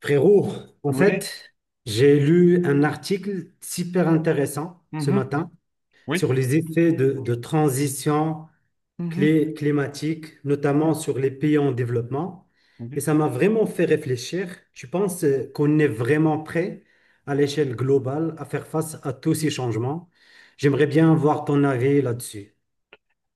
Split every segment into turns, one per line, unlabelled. Frérot, en
Oui,
fait, j'ai lu un article super intéressant ce
mhm,
matin
oui,
sur les effets de transition
mhm,
climatique, notamment
oui,
sur les pays en développement. Et
oui.
ça m'a vraiment fait réfléchir. Je pense qu'on est vraiment prêt à l'échelle globale à faire face à tous ces changements. J'aimerais bien voir ton avis là-dessus.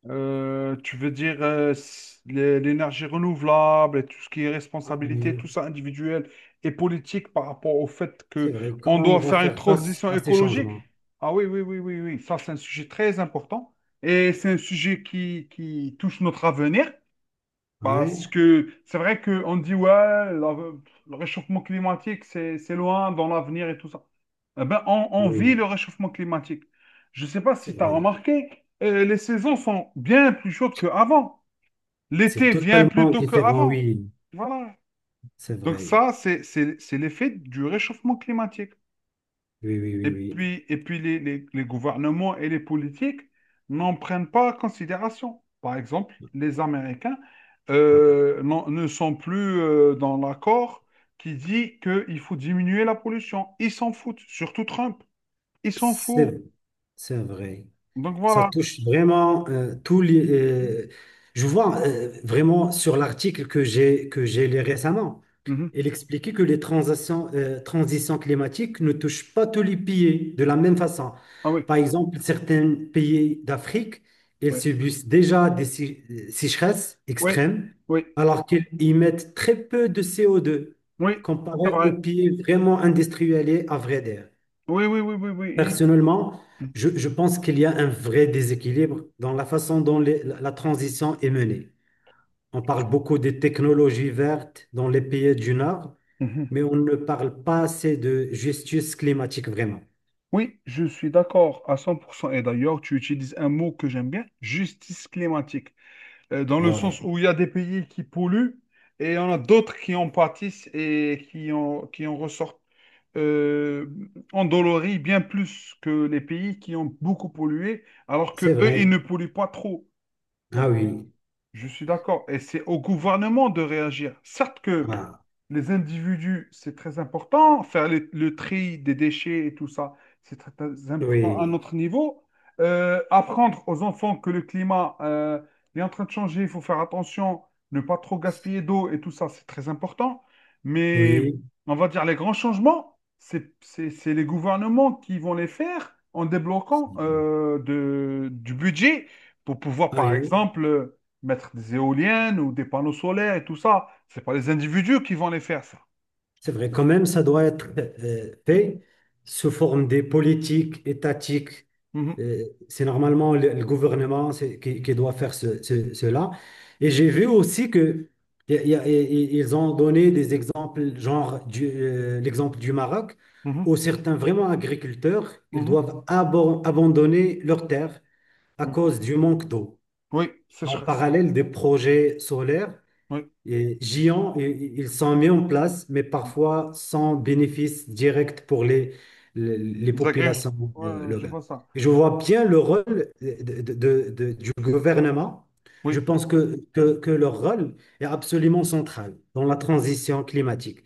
Tu veux dire l'énergie renouvelable et tout ce qui est
Ah
responsabilité,
oui,
tout ça individuel et politique par rapport au fait
c'est
que
vrai.
on
Comment
doit
on va
faire une
faire face
transition
à ces
écologique?
changements?
Ah oui, oui, oui, oui, oui. Ça, c'est un sujet très important et c'est un sujet qui touche notre avenir. Parce
Ouais,
que c'est vrai qu'on dit, ouais, le réchauffement climatique, c'est loin dans l'avenir et tout ça. Eh ben, on vit
oui,
le réchauffement climatique. Je ne sais pas
c'est
si tu as
vrai.
remarqué, les saisons sont bien plus chaudes qu'avant.
C'est
L'été vient plus
totalement
tôt
différent,
qu'avant.
oui.
Voilà.
C'est
Donc
vrai.
ça, c'est l'effet du réchauffement climatique.
Oui, oui,
Et
oui, oui.
puis, et puis les gouvernements et les politiques n'en prennent pas en considération. Par exemple, les Américains
Ouais.
ne sont plus dans l'accord qui dit qu'il faut diminuer la pollution. Ils s'en foutent, surtout Trump. Ils s'en foutent.
C'est, c'est vrai.
Donc
Ça
voilà.
touche vraiment tous les. Je vois vraiment sur l'article que j'ai lu récemment.
Mhm.
Il expliquait que les transitions climatiques ne touchent pas tous les pays de la même façon.
Ah oui,
Par exemple, certains pays d'Afrique, ils
oui,
subissent déjà des sécheresses
oui,
extrêmes,
oui,
alors qu'ils émettent très peu de CO2
oui, c'est
comparé aux
vrai.
pays vraiment industrialisés, à vrai dire.
Oui, oui, oui, oui, oui.
Personnellement, je pense qu'il y a un vrai déséquilibre dans la façon dont la transition est menée. On parle beaucoup des technologies vertes dans les pays du Nord,
Mhm.
mais on ne parle pas assez de justice climatique vraiment.
Oui, je suis d'accord à 100%. Et d'ailleurs, tu utilises un mot que j'aime bien, justice climatique. Dans le sens
Ouais,
où il y a des pays qui polluent et il y en a d'autres qui en pâtissent et qui en ressortent euh, endoloris bien plus que les pays qui ont beaucoup pollué, alors
c'est
que eux, ils
vrai.
ne polluent pas trop.
Ah
Donc, oui.
oui.
Je suis d'accord. Et c'est au gouvernement de réagir. Certes que
Ah,
les individus, c'est très important, faire le tri des déchets et tout ça, c'est très important à
oui.
notre niveau. Apprendre aux enfants que le climat est en train de changer, il faut faire attention, ne pas trop gaspiller d'eau et tout ça, c'est très important. Mais
Oui.
on va dire les grands changements, c'est les gouvernements qui vont les faire en débloquant du budget pour pouvoir,
Ah
par
oui.
exemple mettre des éoliennes ou des panneaux solaires et tout ça. C'est pas les individus qui vont les faire, ça.
C'est vrai, quand même, ça doit être fait sous forme des politiques étatiques.
Mhm,
C'est normalement le gouvernement qui doit faire cela. Et j'ai vu aussi que y a- y a- y- y- ils ont donné des exemples, genre l'exemple du Maroc,
mhm,
où certains vraiment agriculteurs, ils
mhm,
doivent abandonner leurs terres à
mhm, mhm.
cause du manque d'eau.
Oui,
En
sécheresse.
parallèle des projets solaires
Oui.
et Gion, ils sont mis en place, mais parfois sans bénéfice direct pour les
Les agriculteurs.
populations
Ouais, je
locales.
vois ça.
Je vois bien le rôle du gouvernement. Je
Oui,
pense que leur rôle est absolument central dans la transition climatique.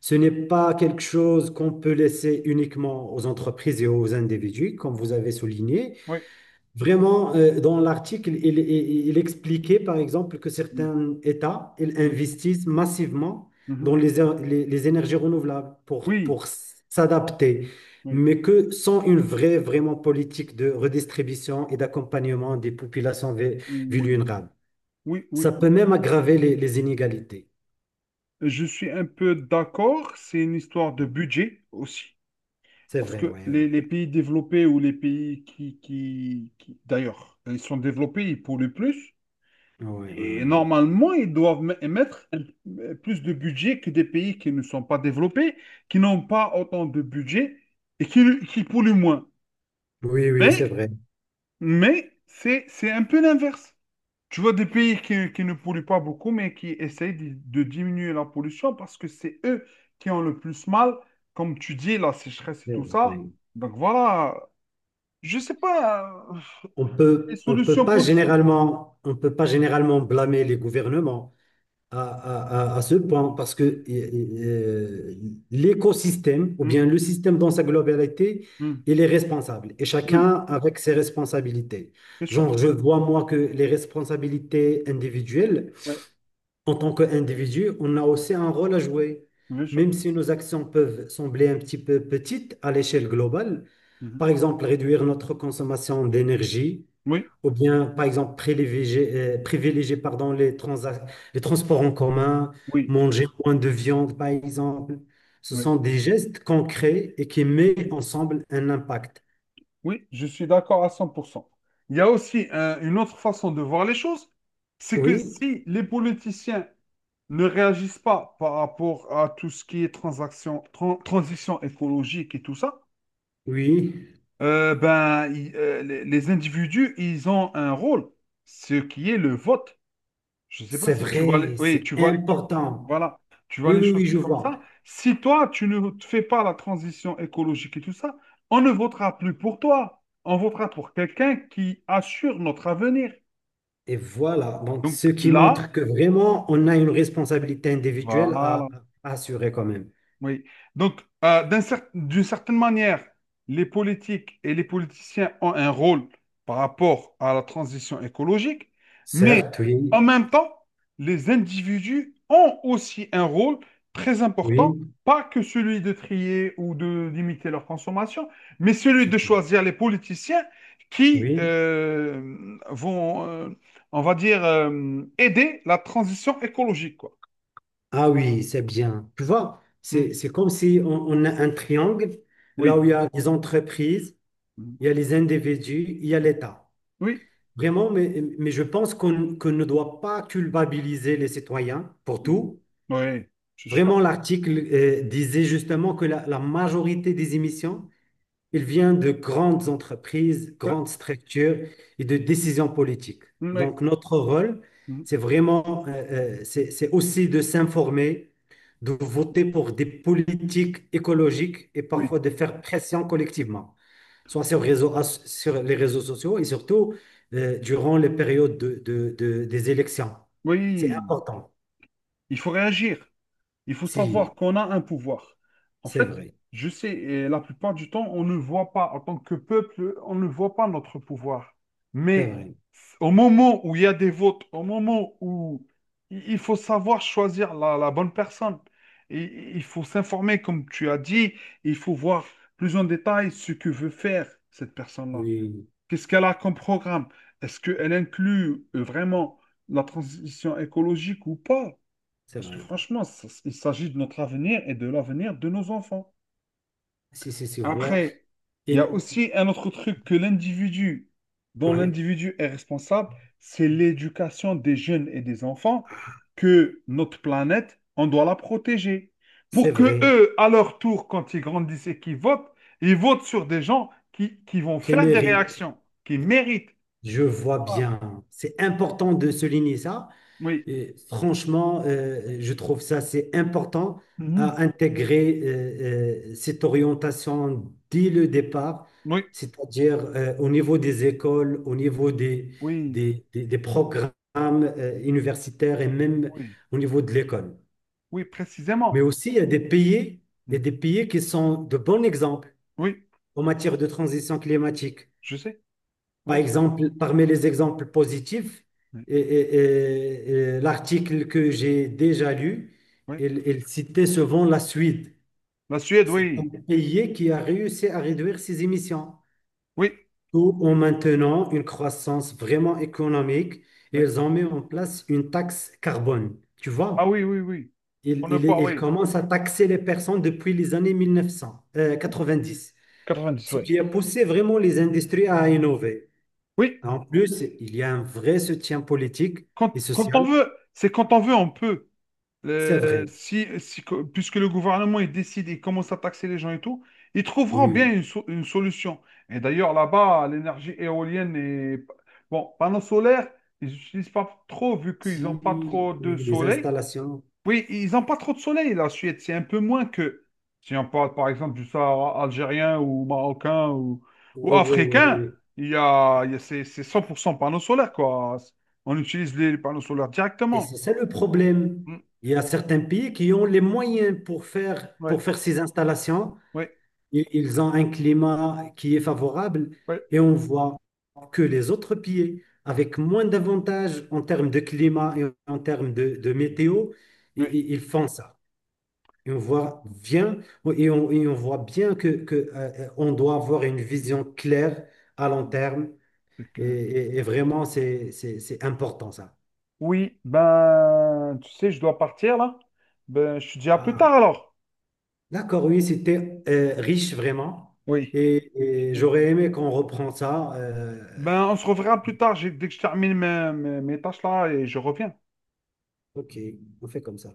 Ce n'est pas quelque chose qu'on peut laisser uniquement aux entreprises et aux individus, comme vous avez souligné.
oui.
Vraiment, dans l'article, il expliquait par exemple que certains États ils
Mhm,
investissent massivement
mhm.
dans les énergies renouvelables
Oui,
pour s'adapter,
oui,
mais que sans une vraiment politique de redistribution et d'accompagnement des populations
oui,
vulnérables.
oui,
Ça peut
oui.
même aggraver les inégalités.
Je suis un peu d'accord. C'est une histoire de budget aussi.
C'est
Parce
vrai,
que
oui. Ouais,
les pays développés ou les pays d'ailleurs, ils sont développés, ils polluent plus.
ouais, ouais,
Et
ouais, ouais.
normalement, ils doivent émettre plus de budget que des pays qui ne sont pas développés, qui n'ont pas autant de budget et qui polluent moins.
Oui, oui,
Mais,
c'est vrai.
mais c'est un peu l'inverse. Tu vois des pays qui ne polluent pas beaucoup, mais qui essayent de diminuer la pollution parce que c'est eux qui ont le plus mal, comme tu dis, la sécheresse et
C'est
tout
vrai.
ça. Donc voilà, je sais pas les solutions possibles.
On peut pas généralement blâmer les gouvernements à ce point parce
Mm,
que l'écosystème, ou bien
mm,
le système dans sa globalité,
mm.
il est responsable et chacun
Oui,
avec ses responsabilités.
bien sûr.
Genre, je vois moi que les responsabilités individuelles,
Oui,
en tant qu'individu, on a aussi un rôle à jouer.
bien sûr.
Même si nos actions peuvent sembler un petit peu petites à l'échelle globale,
Mhm.
par exemple réduire notre consommation d'énergie,
Oui,
ou bien par exemple privilégier, pardon, les transports en commun,
oui,
manger moins de viande par exemple, ce
oui,
sont des gestes concrets et qui mettent ensemble un impact.
oui, je suis d'accord à 100%. Il y a aussi une autre façon de voir les choses, c'est que
Oui,
si les politiciens ne réagissent pas par rapport à tout ce qui est transition écologique et tout ça,
oui,
les individus, ils ont un rôle, ce qui est le vote. Je ne sais pas
c'est
si tu vois les...
vrai,
Oui,
c'est
tu vois...
important.
Voilà, tu vois
Oui,
les
oui,
choses
oui, je
comme
vois.
ça. Si toi, tu ne te fais pas la transition écologique et tout ça, on ne votera plus pour toi. On votera pour quelqu'un qui assure notre avenir.
Et voilà, donc ce
Donc
qui
là,
montre que vraiment, on a une responsabilité individuelle
voilà.
à assurer quand même.
Oui. Donc, d'une certaine manière, les politiques et les politiciens ont un rôle par rapport à la transition écologique, mais
Certes, oui,
en même temps, les individus ont aussi un rôle très important,
oui,
pas que celui de trier ou de limiter leur consommation, mais celui de
c'est tout.
choisir les politiciens qui
Oui.
on va dire, aider la transition écologique, quoi.
Ah oui, c'est bien. Tu vois,
Hmm.
c'est comme si on a un triangle, là où
Oui.
il y a les entreprises,
Hmm.
il y a les individus, il y a l'État.
Oui.
Vraiment, mais je pense qu'on ne doit pas culpabiliser les citoyens pour
Mhm.
tout.
Ouais, c'est sûr.
Vraiment, l'article disait justement que la majorité des émissions il vient de grandes entreprises,
Ouais.
grandes structures et de décisions politiques.
Mhm. Ouais.
Donc, notre rôle,
Mhm.
c'est vraiment, c'est aussi de s'informer, de voter pour des politiques écologiques et
Oui.
parfois de faire pression collectivement, soit sur les réseaux sociaux et surtout durant les périodes des élections. C'est
Oui,
important.
il faut réagir. Il faut savoir
Si,
qu'on a un pouvoir. En
c'est
fait,
vrai.
je sais, et la plupart du temps, on ne voit pas, en tant que peuple, on ne voit pas notre pouvoir.
C'est
Mais
vrai.
au moment où il y a des votes, au moment où il faut savoir choisir la bonne personne, et il faut s'informer, comme tu as dit, il faut voir plus en détail ce que veut faire cette personne-là.
Oui,
Qu'est-ce qu'elle a comme programme? Est-ce qu'elle inclut vraiment la transition écologique ou pas?
c'est
Parce que
vrai.
franchement, il s'agit de notre avenir et de l'avenir de nos enfants.
Si, si, si, voit.
Après, il y a
Et-
aussi un autre truc que l'individu, dont
ouais,
l'individu est responsable, c'est l'éducation des jeunes et des enfants, que notre planète, on doit la protéger.
c'est
Pour que
vrai.
eux, à leur tour, quand ils grandissent et qu'ils votent, ils votent sur des gens qui vont
Quel
faire des
mérite,
réactions, qui méritent.
je vois
Voilà.
bien. C'est important de souligner ça.
Oui,
Et franchement, je trouve ça, c'est important
mhm,
à intégrer cette orientation dès le départ,
oui,
c'est-à-dire au niveau des écoles, au niveau
oui,
des programmes universitaires et même
oui,
au niveau de l'école.
oui,
Mais
précisément.
aussi, il y a
Mm,
des pays qui sont de bons exemples
oui,
en matière de transition climatique.
je sais.
Par
Oui,
exemple, parmi les exemples positifs,
oui,
et- et- et- et l'article que j'ai déjà lu,
oui.
il citait souvent la Suède.
La Suède,
C'est un
oui,
pays qui a réussi à réduire ses émissions,
oui,
tout
oui,
en maintenant une croissance vraiment économique. Et
oui.
ils ont mis en place une taxe carbone. Tu
Ah
vois,
oui, oui, oui.
ils
On ne peut,
il
oui.
à taxer les personnes depuis les années
Ouh,
1990,
dix
ce
oui.
qui a poussé vraiment les industries à innover.
Oui,
En plus, il y a un vrai soutien politique et
quand, quand on
social,
veut, c'est quand on veut, on peut.
c'est vrai.
Puisque le gouvernement il décide, il commence à taxer les gens et tout, ils trouveront
Oui,
bien
oui.
une, une solution. Et d'ailleurs, là-bas, l'énergie éolienne est... Bon, panneaux solaires, ils n'utilisent pas trop vu qu'ils
Si
n'ont pas
oui,
trop de
les
soleil.
installations,
Oui, ils n'ont pas trop de soleil, la Suède. C'est un peu moins que si on parle par exemple du Sahara algérien ou marocain ou
oui, oui, oui,
africain,
oui.
il y a c'est 100% panneaux solaires, quoi. On utilise les panneaux solaires
Et c'est
directement.
ça le problème.
Mm.
Il y a certains pays qui ont les moyens
Ouais,
pour faire ces installations.
ouais,
Ils ont un climat qui est favorable
ouais.
et on voit que les autres pays, avec moins d'avantages en termes de climat et en termes de météo,
Oui,
ils font ça. Et on voit bien, et on voit bien on doit avoir une vision claire à long terme.
c'est clair.
Et vraiment, c'est important ça.
Oui, ben, tu sais, je dois partir là. Ben, je te dis à plus tard
Ah,
alors.
d'accord, oui, c'était riche vraiment.
Oui. J'ai
Et
bien
j'aurais
aimé.
aimé qu'on reprend ça.
Ben, on se reverra plus tard, dès que je termine mes, mes tâches là et je reviens.
Ok, on fait comme ça.